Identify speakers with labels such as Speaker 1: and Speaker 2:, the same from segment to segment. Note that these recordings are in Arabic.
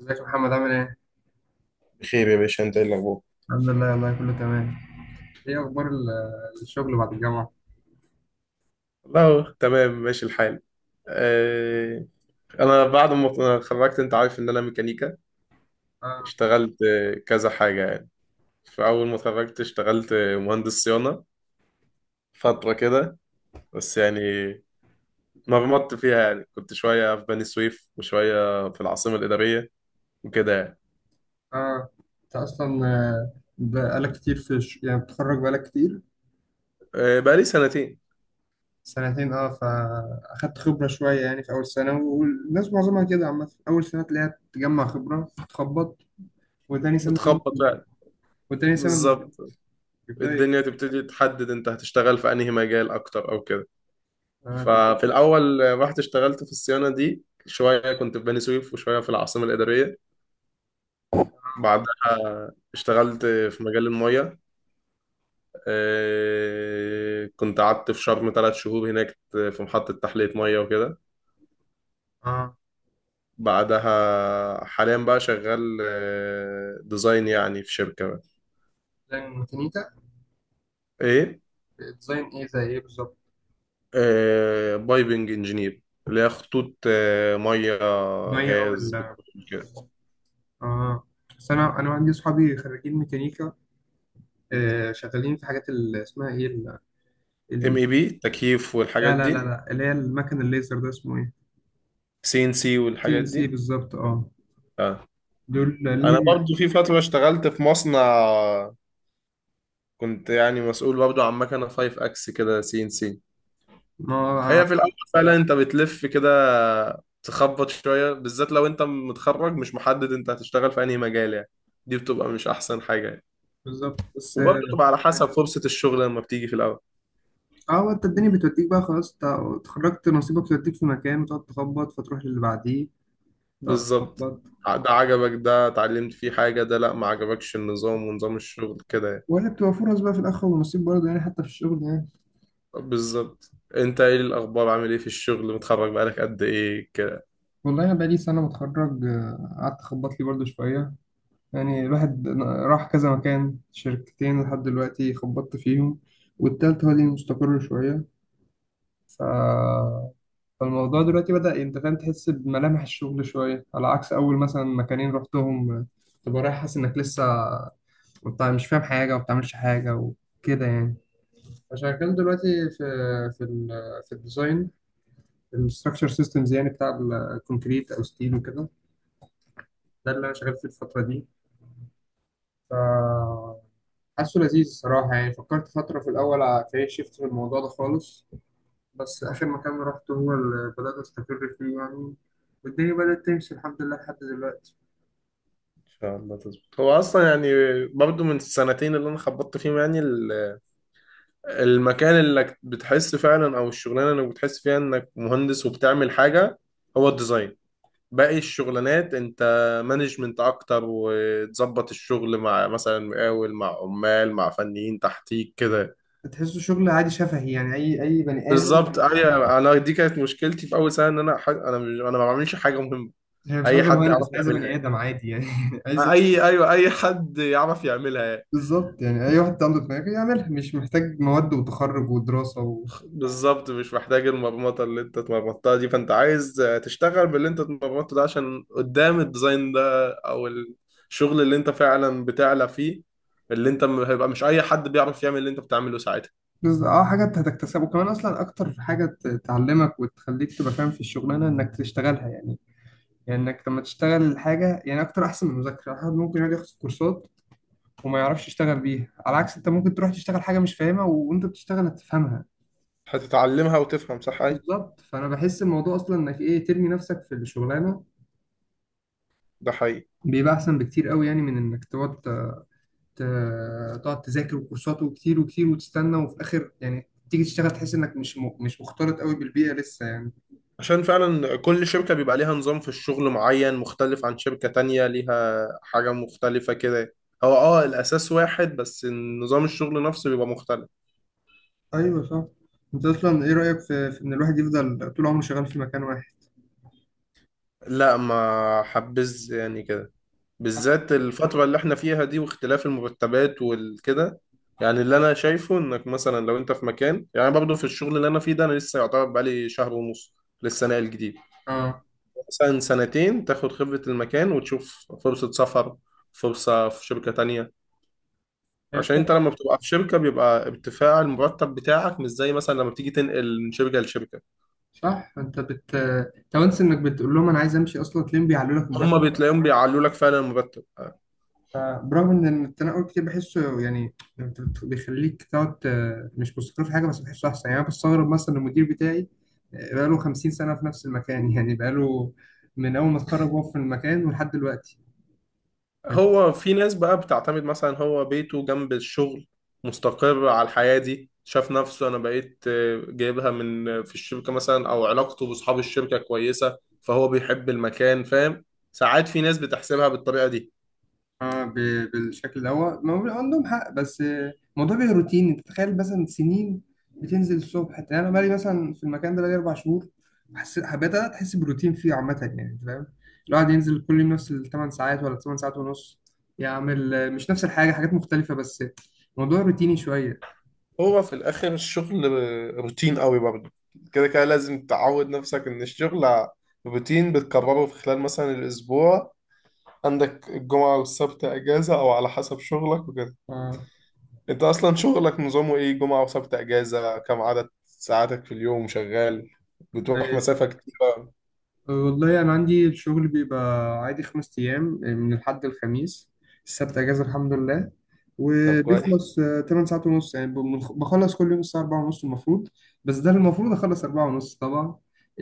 Speaker 1: ازيك يا محمد عامل ايه؟
Speaker 2: بخير يا باشا، انت ايه الاخبار؟
Speaker 1: الحمد لله، والله كله تمام. ايه اخبار الشغل بعد الجامعة؟
Speaker 2: والله تمام ماشي الحال. آه، انا بعد ما اتخرجت انت عارف ان انا ميكانيكا.
Speaker 1: اه.
Speaker 2: اشتغلت كذا حاجة يعني. فاول ما اتخرجت اشتغلت مهندس صيانة فترة كده، بس يعني مرمطت فيها، يعني كنت شوية في بني سويف وشوية في العاصمة الإدارية وكده يعني.
Speaker 1: اه، انت اصلا بقالك كتير في يعني بتخرج بقالك كتير.
Speaker 2: بقالي سنتين
Speaker 1: سنتين، اه، فاخدت خبرة شوية يعني في اول سنة، والناس معظمها كده عامة اول سنة تلاقيها تجمع خبرة، تخبط وتاني سنة.
Speaker 2: بتخبط يعني
Speaker 1: وتاني سنة
Speaker 2: بالظبط.
Speaker 1: بيبدأوا
Speaker 2: الدنيا
Speaker 1: يك-
Speaker 2: تبتدي تحدد انت هتشتغل في انهي مجال اكتر او كده.
Speaker 1: اه، طب إيه؟
Speaker 2: ففي الأول رحت اشتغلت في الصيانة دي شوية، كنت في بني سويف وشوية في العاصمة الإدارية. بعدها اشتغلت في مجال المية. اه، كنت قعدت في شرم 3 شهور هناك في محطة تحلية مية وكده.
Speaker 1: اه.
Speaker 2: بعدها حاليا بقى شغال ديزاين يعني في شركة بقى.
Speaker 1: ديزاين ميكانيكا.
Speaker 2: ايه،
Speaker 1: ديزاين ايه زي ايه بالظبط؟
Speaker 2: اه، بايبنج انجينير، اللي هي خطوط مية
Speaker 1: مية او
Speaker 2: غاز
Speaker 1: ال اه.
Speaker 2: بتقول كده.
Speaker 1: آه. بس انا عندي صحابي خريجين ميكانيكا، شغالين في حاجات اللي اسمها ايه
Speaker 2: ام
Speaker 1: ال...
Speaker 2: اي بي تكييف والحاجات
Speaker 1: لا لا لا
Speaker 2: دي.
Speaker 1: لا اللي هي المكن الليزر ده اسمه ايه.
Speaker 2: سي ان سي
Speaker 1: تي ان
Speaker 2: والحاجات دي.
Speaker 1: سي بالظبط، اه.
Speaker 2: اه،
Speaker 1: دول
Speaker 2: انا
Speaker 1: لان
Speaker 2: برضو في فترة اشتغلت في مصنع، كنت يعني مسؤول برضو عن مكنة 5 اكس كده سي ان سي.
Speaker 1: ما
Speaker 2: هي في الاول فعلا انت بتلف كده، تخبط شوية، بالذات لو انت متخرج مش محدد انت هتشتغل في انهي مجال يعني. دي بتبقى مش احسن حاجة يعني.
Speaker 1: بالظبط، بس
Speaker 2: وبرضو
Speaker 1: اه.
Speaker 2: تبقى على حسب فرصة الشغل لما بتيجي في الاول.
Speaker 1: هو انت الدنيا بتوديك بقى، خلاص انت اتخرجت نصيبك توديك في مكان وتقعد تخبط، فتروح للي بعديه تقعد
Speaker 2: بالظبط.
Speaker 1: تخبط.
Speaker 2: ده عجبك، ده اتعلمت فيه حاجة، ده لا ما عجبكش النظام ونظام الشغل كده يعني.
Speaker 1: ولا بتبقى فرص بقى في الاخر ونصيب برضه، يعني حتى في الشغل يعني.
Speaker 2: بالظبط. انت ايه الاخبار، عامل ايه في الشغل، متخرج بقالك قد ايه؟
Speaker 1: والله انا بقالي سنه متخرج، قعدت اخبط لي برضه شويه. يعني الواحد راح كذا مكان، شركتين لحد دلوقتي خبطت فيهم، والتالت هو اللي مستقر شوية. ف... فالموضوع دلوقتي بدأ، انت فاهم، تحس بملامح الشغل شوية، على عكس أول مثلا مكانين رحتهم تبقى رايح حاسس إنك لسه انت مش فاهم حاجة وما بتعملش حاجة وكده يعني. فشغال دلوقتي في في ال... في الديزاين، الستراكشر سيستمز يعني، بتاع الكونكريت أو ستيل وكده. ده اللي أنا شغال فيه الفترة دي. ف حاسه لذيذ الصراحة، يعني فكرت فترة في الأول أكارير شيفت في الموضوع ده خالص. بس آخر مكان رحت هو اللي بدأت أستقر فيه يعني، والدنيا بدأت تمشي الحمد لله لحد دلوقتي.
Speaker 2: ان شاء الله تظبط. هو اصلا يعني برضو من السنتين اللي انا خبطت فيهم يعني، المكان اللي بتحس فعلا او الشغلانه اللي بتحس فيها انك مهندس وبتعمل حاجه، هو الديزاين. باقي الشغلانات انت مانجمنت اكتر، وتظبط الشغل مع مثلا مقاول مع عمال مع فنيين تحتيك كده.
Speaker 1: بتحسه شغل عادي شفهي يعني، اي بني ادم.
Speaker 2: بالظبط ايوه. انا دي كانت مشكلتي في اول سنه ان انا ح- انا مش انا ما بعملش حاجه مهمه.
Speaker 1: هي مش
Speaker 2: اي
Speaker 1: عايزه
Speaker 2: حد يعرف
Speaker 1: مهندس، عايزه بني
Speaker 2: يعملها.
Speaker 1: ادم عادي يعني عايزه.
Speaker 2: اي ايوه، اي حد يعرف يعملها.
Speaker 1: بالظبط، يعني اي واحد عنده دماغ يعملها، مش محتاج مواد وتخرج ودراسه
Speaker 2: بالظبط، مش محتاج المرمطة اللي انت اتمرمطتها دي. فانت عايز تشتغل باللي انت اتمرمطته ده، عشان قدام الديزاين ده او الشغل اللي انت فعلا بتعلى فيه، هيبقى مش اي حد بيعرف يعمل اللي انت بتعمله ساعتها.
Speaker 1: اه، حاجات هتكتسبها، وكمان اصلا اكتر حاجه تعلمك وتخليك تبقى فاهم في الشغلانه انك تشتغلها يعني. يعني انك لما تشتغل الحاجه يعني اكتر احسن من المذاكره، الواحد ممكن يقعد ياخد كورسات وما يعرفش يشتغل بيها، على عكس انت ممكن تروح تشتغل حاجه مش فاهمها، وانت بتشتغل هتفهمها.
Speaker 2: هتتعلمها وتفهم صح. ايه،
Speaker 1: بالظبط، فانا بحس الموضوع اصلا انك ايه، ترمي نفسك في الشغلانه
Speaker 2: ده حقيقي.
Speaker 1: بيبقى احسن بكتير قوي، يعني من انك تقعد تقعد تذاكر وكورسات وكتير وكتير وتستنى، وفي الاخر يعني تيجي تشتغل تحس انك مش مختلط قوي بالبيئه لسه يعني.
Speaker 2: عشان فعلا كل شركة بيبقى ليها نظام في الشغل معين مختلف عن شركة تانية ليها حاجة مختلفة كده. هو اه الاساس واحد، بس نظام الشغل نفسه بيبقى مختلف.
Speaker 1: ايوه صح. انت اصلا ايه رايك في, في ان الواحد يفضل طول عمره شغال في مكان واحد؟
Speaker 2: لا ما حبذ يعني كده، بالذات الفترة اللي احنا فيها دي واختلاف المرتبات والكده. يعني اللي انا شايفه انك مثلا لو انت في مكان، يعني برضه في الشغل اللي انا فيه ده انا لسه يعتبر بقالي شهر ونص، لسه ناقل جديد.
Speaker 1: اه.
Speaker 2: مثلا سنتين تاخد خبرة المكان وتشوف فرصة سفر، فرصة في شركة تانية.
Speaker 1: هي
Speaker 2: عشان
Speaker 1: فعلا.
Speaker 2: انت لما بتبقى في شركة بيبقى ارتفاع المرتب بتاعك مش زي مثلا لما بتيجي تنقل من شركة لشركة.
Speaker 1: صح. انت بت طب انس انك بتقول لهم انا عايز امشي، اصلا تلاقيهم بيعلوا لك.
Speaker 2: هما بتلاقيهم بيعلوا لك فعلا المرتب.
Speaker 1: برغم ان التنقل كتير بحسه يعني بيخليك تقعد مش مستقر في حاجه، بس بحسه احسن يعني. انا بستغرب مثلا المدير بتاعي، بقاله 50 سنه في نفس المكان، يعني بقاله من اول ما اتخرج وهو في المكان ولحد دلوقتي.
Speaker 2: هو في ناس بقى بتعتمد، مثلا هو بيته جنب الشغل، مستقر على الحياة دي، شاف نفسه انا بقيت جايبها من في الشركة مثلا، او علاقته باصحاب الشركة كويسة فهو بيحب المكان فاهم. ساعات في ناس بتحسبها بالطريقة دي.
Speaker 1: اه، بالشكل ده هو ما هو عندهم حق، بس الموضوع بيبقى روتين، انت تخيل مثلا سنين بتنزل الصبح. يعني انا بقالي مثلا في المكان ده بقالي اربع شهور، حسيت حبيت انا تحس بروتين فيه عامه يعني، انت فاهم، الواحد ينزل كل يوم نفس الثمان ساعات ولا الثمان ساعات ونص، يعمل مش نفس الحاجه، حاجات مختلفه، بس الموضوع روتيني شويه.
Speaker 2: هو في الاخر الشغل روتين قوي برضه. كده كده لازم تعود نفسك ان الشغل روتين بتكرره في خلال مثلا الاسبوع، عندك الجمعة والسبت اجازة او على حسب شغلك وكده.
Speaker 1: اه.
Speaker 2: انت اصلا شغلك نظامه ايه، جمعة وسبت اجازة؟ كم عدد ساعاتك في اليوم شغال؟ بتروح مسافة كتيرة؟
Speaker 1: والله أنا عندي الشغل بيبقى عادي خمس أيام، من الحد الخميس، السبت أجازة الحمد لله.
Speaker 2: طب كويس.
Speaker 1: وبيخلص تمن ساعات ونص، يعني بخلص كل يوم الساعة أربعة ونص المفروض. بس ده المفروض أخلص أربعة ونص، طبعا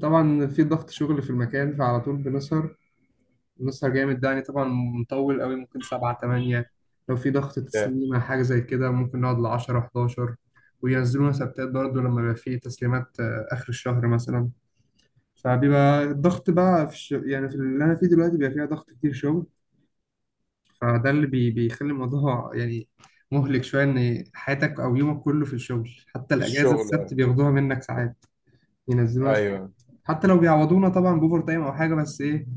Speaker 1: طبعا في ضغط شغل في المكان، فعلى طول بنسهر. بنسهر جامد ده يعني، طبعا مطول قوي ممكن سبعة تمانية، لو في ضغط
Speaker 2: Yeah.
Speaker 1: تسليمة حاجة زي كده ممكن نقعد لعشرة حداشر. وينزلونا سبتات برضه لما بيبقى في تسليمات آخر الشهر مثلا. فبيبقى الضغط بقى في يعني في اللي انا فيه دلوقتي بيبقى فيها ضغط كتير شغل. فده بيخلي الموضوع يعني مهلك شويه، ان حياتك او يومك كله في الشغل، حتى
Speaker 2: في
Speaker 1: الاجازه
Speaker 2: الشغل
Speaker 1: السبت
Speaker 2: يعني.
Speaker 1: بياخدوها منك ساعات، ينزلوها س-
Speaker 2: ايوه.
Speaker 1: حتى لو بيعوضونا طبعا باوفر تايم او حاجه، بس ايه،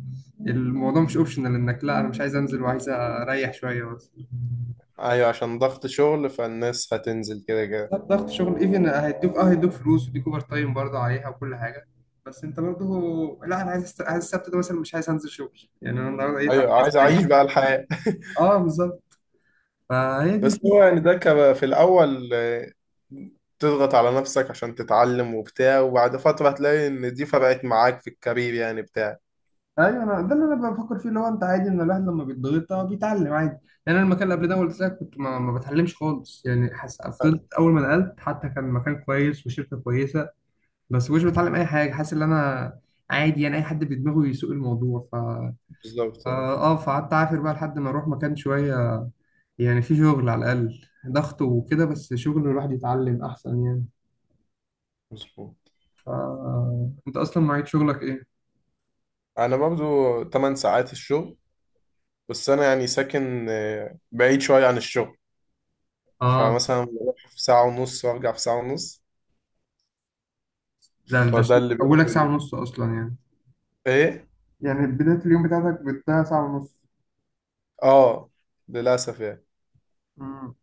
Speaker 1: الموضوع مش اوبشنال انك لا انا مش عايز انزل وعايز اريح شويه، بس
Speaker 2: ايوه، عشان ضغط شغل فالناس هتنزل كده كده.
Speaker 1: لا ضغط شغل ايفن هيدوك فلوس وديك اوفر تايم برضه عليها وكل حاجه، بس انت برضه لا انا عايز، عايز السبت ده مثلا مش عايز انزل شغل، يعني انا النهارده ايه، تعب،
Speaker 2: ايوه
Speaker 1: عايز
Speaker 2: عايز
Speaker 1: اريح.
Speaker 2: اعيش بقى الحياة.
Speaker 1: اه بالظبط. فهي دي
Speaker 2: بس هو
Speaker 1: الفكره.
Speaker 2: يعني ده كان في الاول، تضغط على نفسك عشان تتعلم وبتاع، وبعد فترة هتلاقي ان دي فرقت معاك في الكارير يعني بتاع.
Speaker 1: ايوه انا ده اللي انا بفكر فيه، اللي هو انت عادي ان الواحد لما بيتضغط بيتعلم عادي. يعني انا المكان اللي قبل ده قلت لك كنت ما بتعلمش خالص يعني فضلت
Speaker 2: أيوة،
Speaker 1: اول ما نقلت، حتى كان مكان كويس وشركه كويسه، بس مش بتعلم اي حاجه، حاسس ان انا عادي يعني اي حد بدماغه يسوق الموضوع، ف اه،
Speaker 2: بالظبط
Speaker 1: فقعدت اعافر بقى لحد ما اروح مكان شويه، يعني في شغل على الاقل، ضغط وكده بس شغل الواحد يتعلم احسن يعني.
Speaker 2: مظبوط.
Speaker 1: ف انت اصلا معيد شغلك ايه؟
Speaker 2: انا برضو 8 ساعات الشغل. بس انا يعني ساكن بعيد شويه عن الشغل.
Speaker 1: اه،
Speaker 2: فمثلا بروح في ساعه ونص وارجع في ساعه ونص.
Speaker 1: ده
Speaker 2: فده اللي بياكل
Speaker 1: اولك ساعه
Speaker 2: اليوم.
Speaker 1: ونص اصلا يعني.
Speaker 2: ايه
Speaker 1: يعني بداية اليوم بتاعتك بتضيع ساعة ونص.
Speaker 2: اه، للاسف يعني.
Speaker 1: امم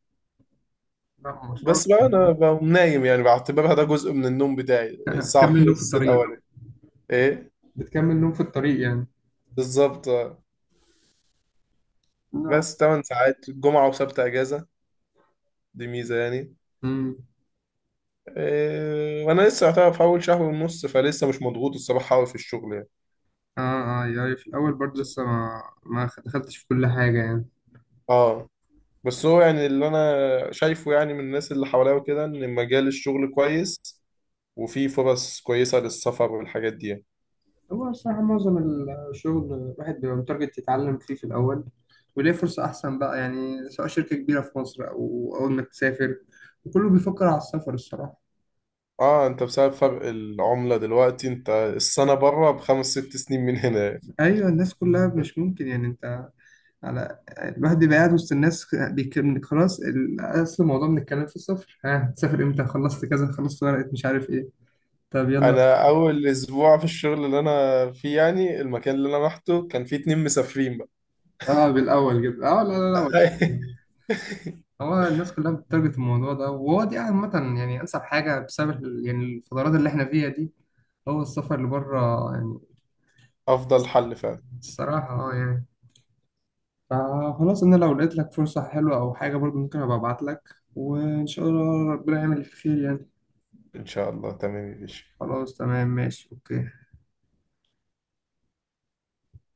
Speaker 1: لا مشوار.
Speaker 2: بس بقى انا بقوم نايم يعني، بعتبرها ده جزء من النوم بتاعي الساعه
Speaker 1: بتكمل نوم في
Speaker 2: ونص
Speaker 1: الطريق.
Speaker 2: الاولانيه. ايه،
Speaker 1: بتكمل نوم في الطريق يعني.
Speaker 2: بالظبط آه.
Speaker 1: لا.
Speaker 2: بس 8 ساعات جمعه وسبت اجازه، دي ميزه يعني.
Speaker 1: امم
Speaker 2: إيه، وانا لسه يعتبر في اول شهر ونص، فلسه مش مضغوط الصراحه قوي في الشغل يعني.
Speaker 1: اه. اه يعني في الأول برضه لسه ما دخلتش في كل حاجة يعني.
Speaker 2: اه، بس هو يعني اللي انا شايفه يعني من الناس اللي حواليا وكده ان مجال الشغل كويس، وفي فرص كويسة للسفر والحاجات دي يعني.
Speaker 1: هو الصراحة معظم الشغل الواحد بيبقى متارجت يتعلم فيه في الأول، وليه فرصة أحسن بقى، يعني سواء شركة كبيرة في مصر أو أول ما تسافر، وكله بيفكر على السفر الصراحة.
Speaker 2: اه انت بسبب فرق العملة دلوقتي، انت السنة بره بخمس ست سنين من هنا يعني.
Speaker 1: أيوة، الناس كلها مش ممكن يعني أنت على، الواحد بيبقى قاعد وسط الناس بيكلم، خلاص اصل الموضوع من الكلام في السفر، ها تسافر امتى، خلصت كذا، خلصت ورقة، مش عارف ايه، طب يلا.
Speaker 2: انا اول اسبوع في الشغل اللي انا فيه، يعني المكان اللي انا رحته كان فيه اتنين مسافرين بقى.
Speaker 1: اه بالاول كده اه، لا مش. هو الناس كلها بتتارجت الموضوع ده، وهو دي عامة يعني انسب حاجة بسبب يعني الفترات اللي احنا فيها دي هو السفر اللي بره يعني.
Speaker 2: افضل حل فعلا.
Speaker 1: الصراحة اه يعني. فخلاص انا لو لقيت لك فرصة حلوة او حاجة برضو ممكن ابقى ابعت لك، وان شاء الله ربنا يعمل الخير يعني.
Speaker 2: ان شاء الله، تمام يا باشا.
Speaker 1: خلاص تمام ماشي اوكي.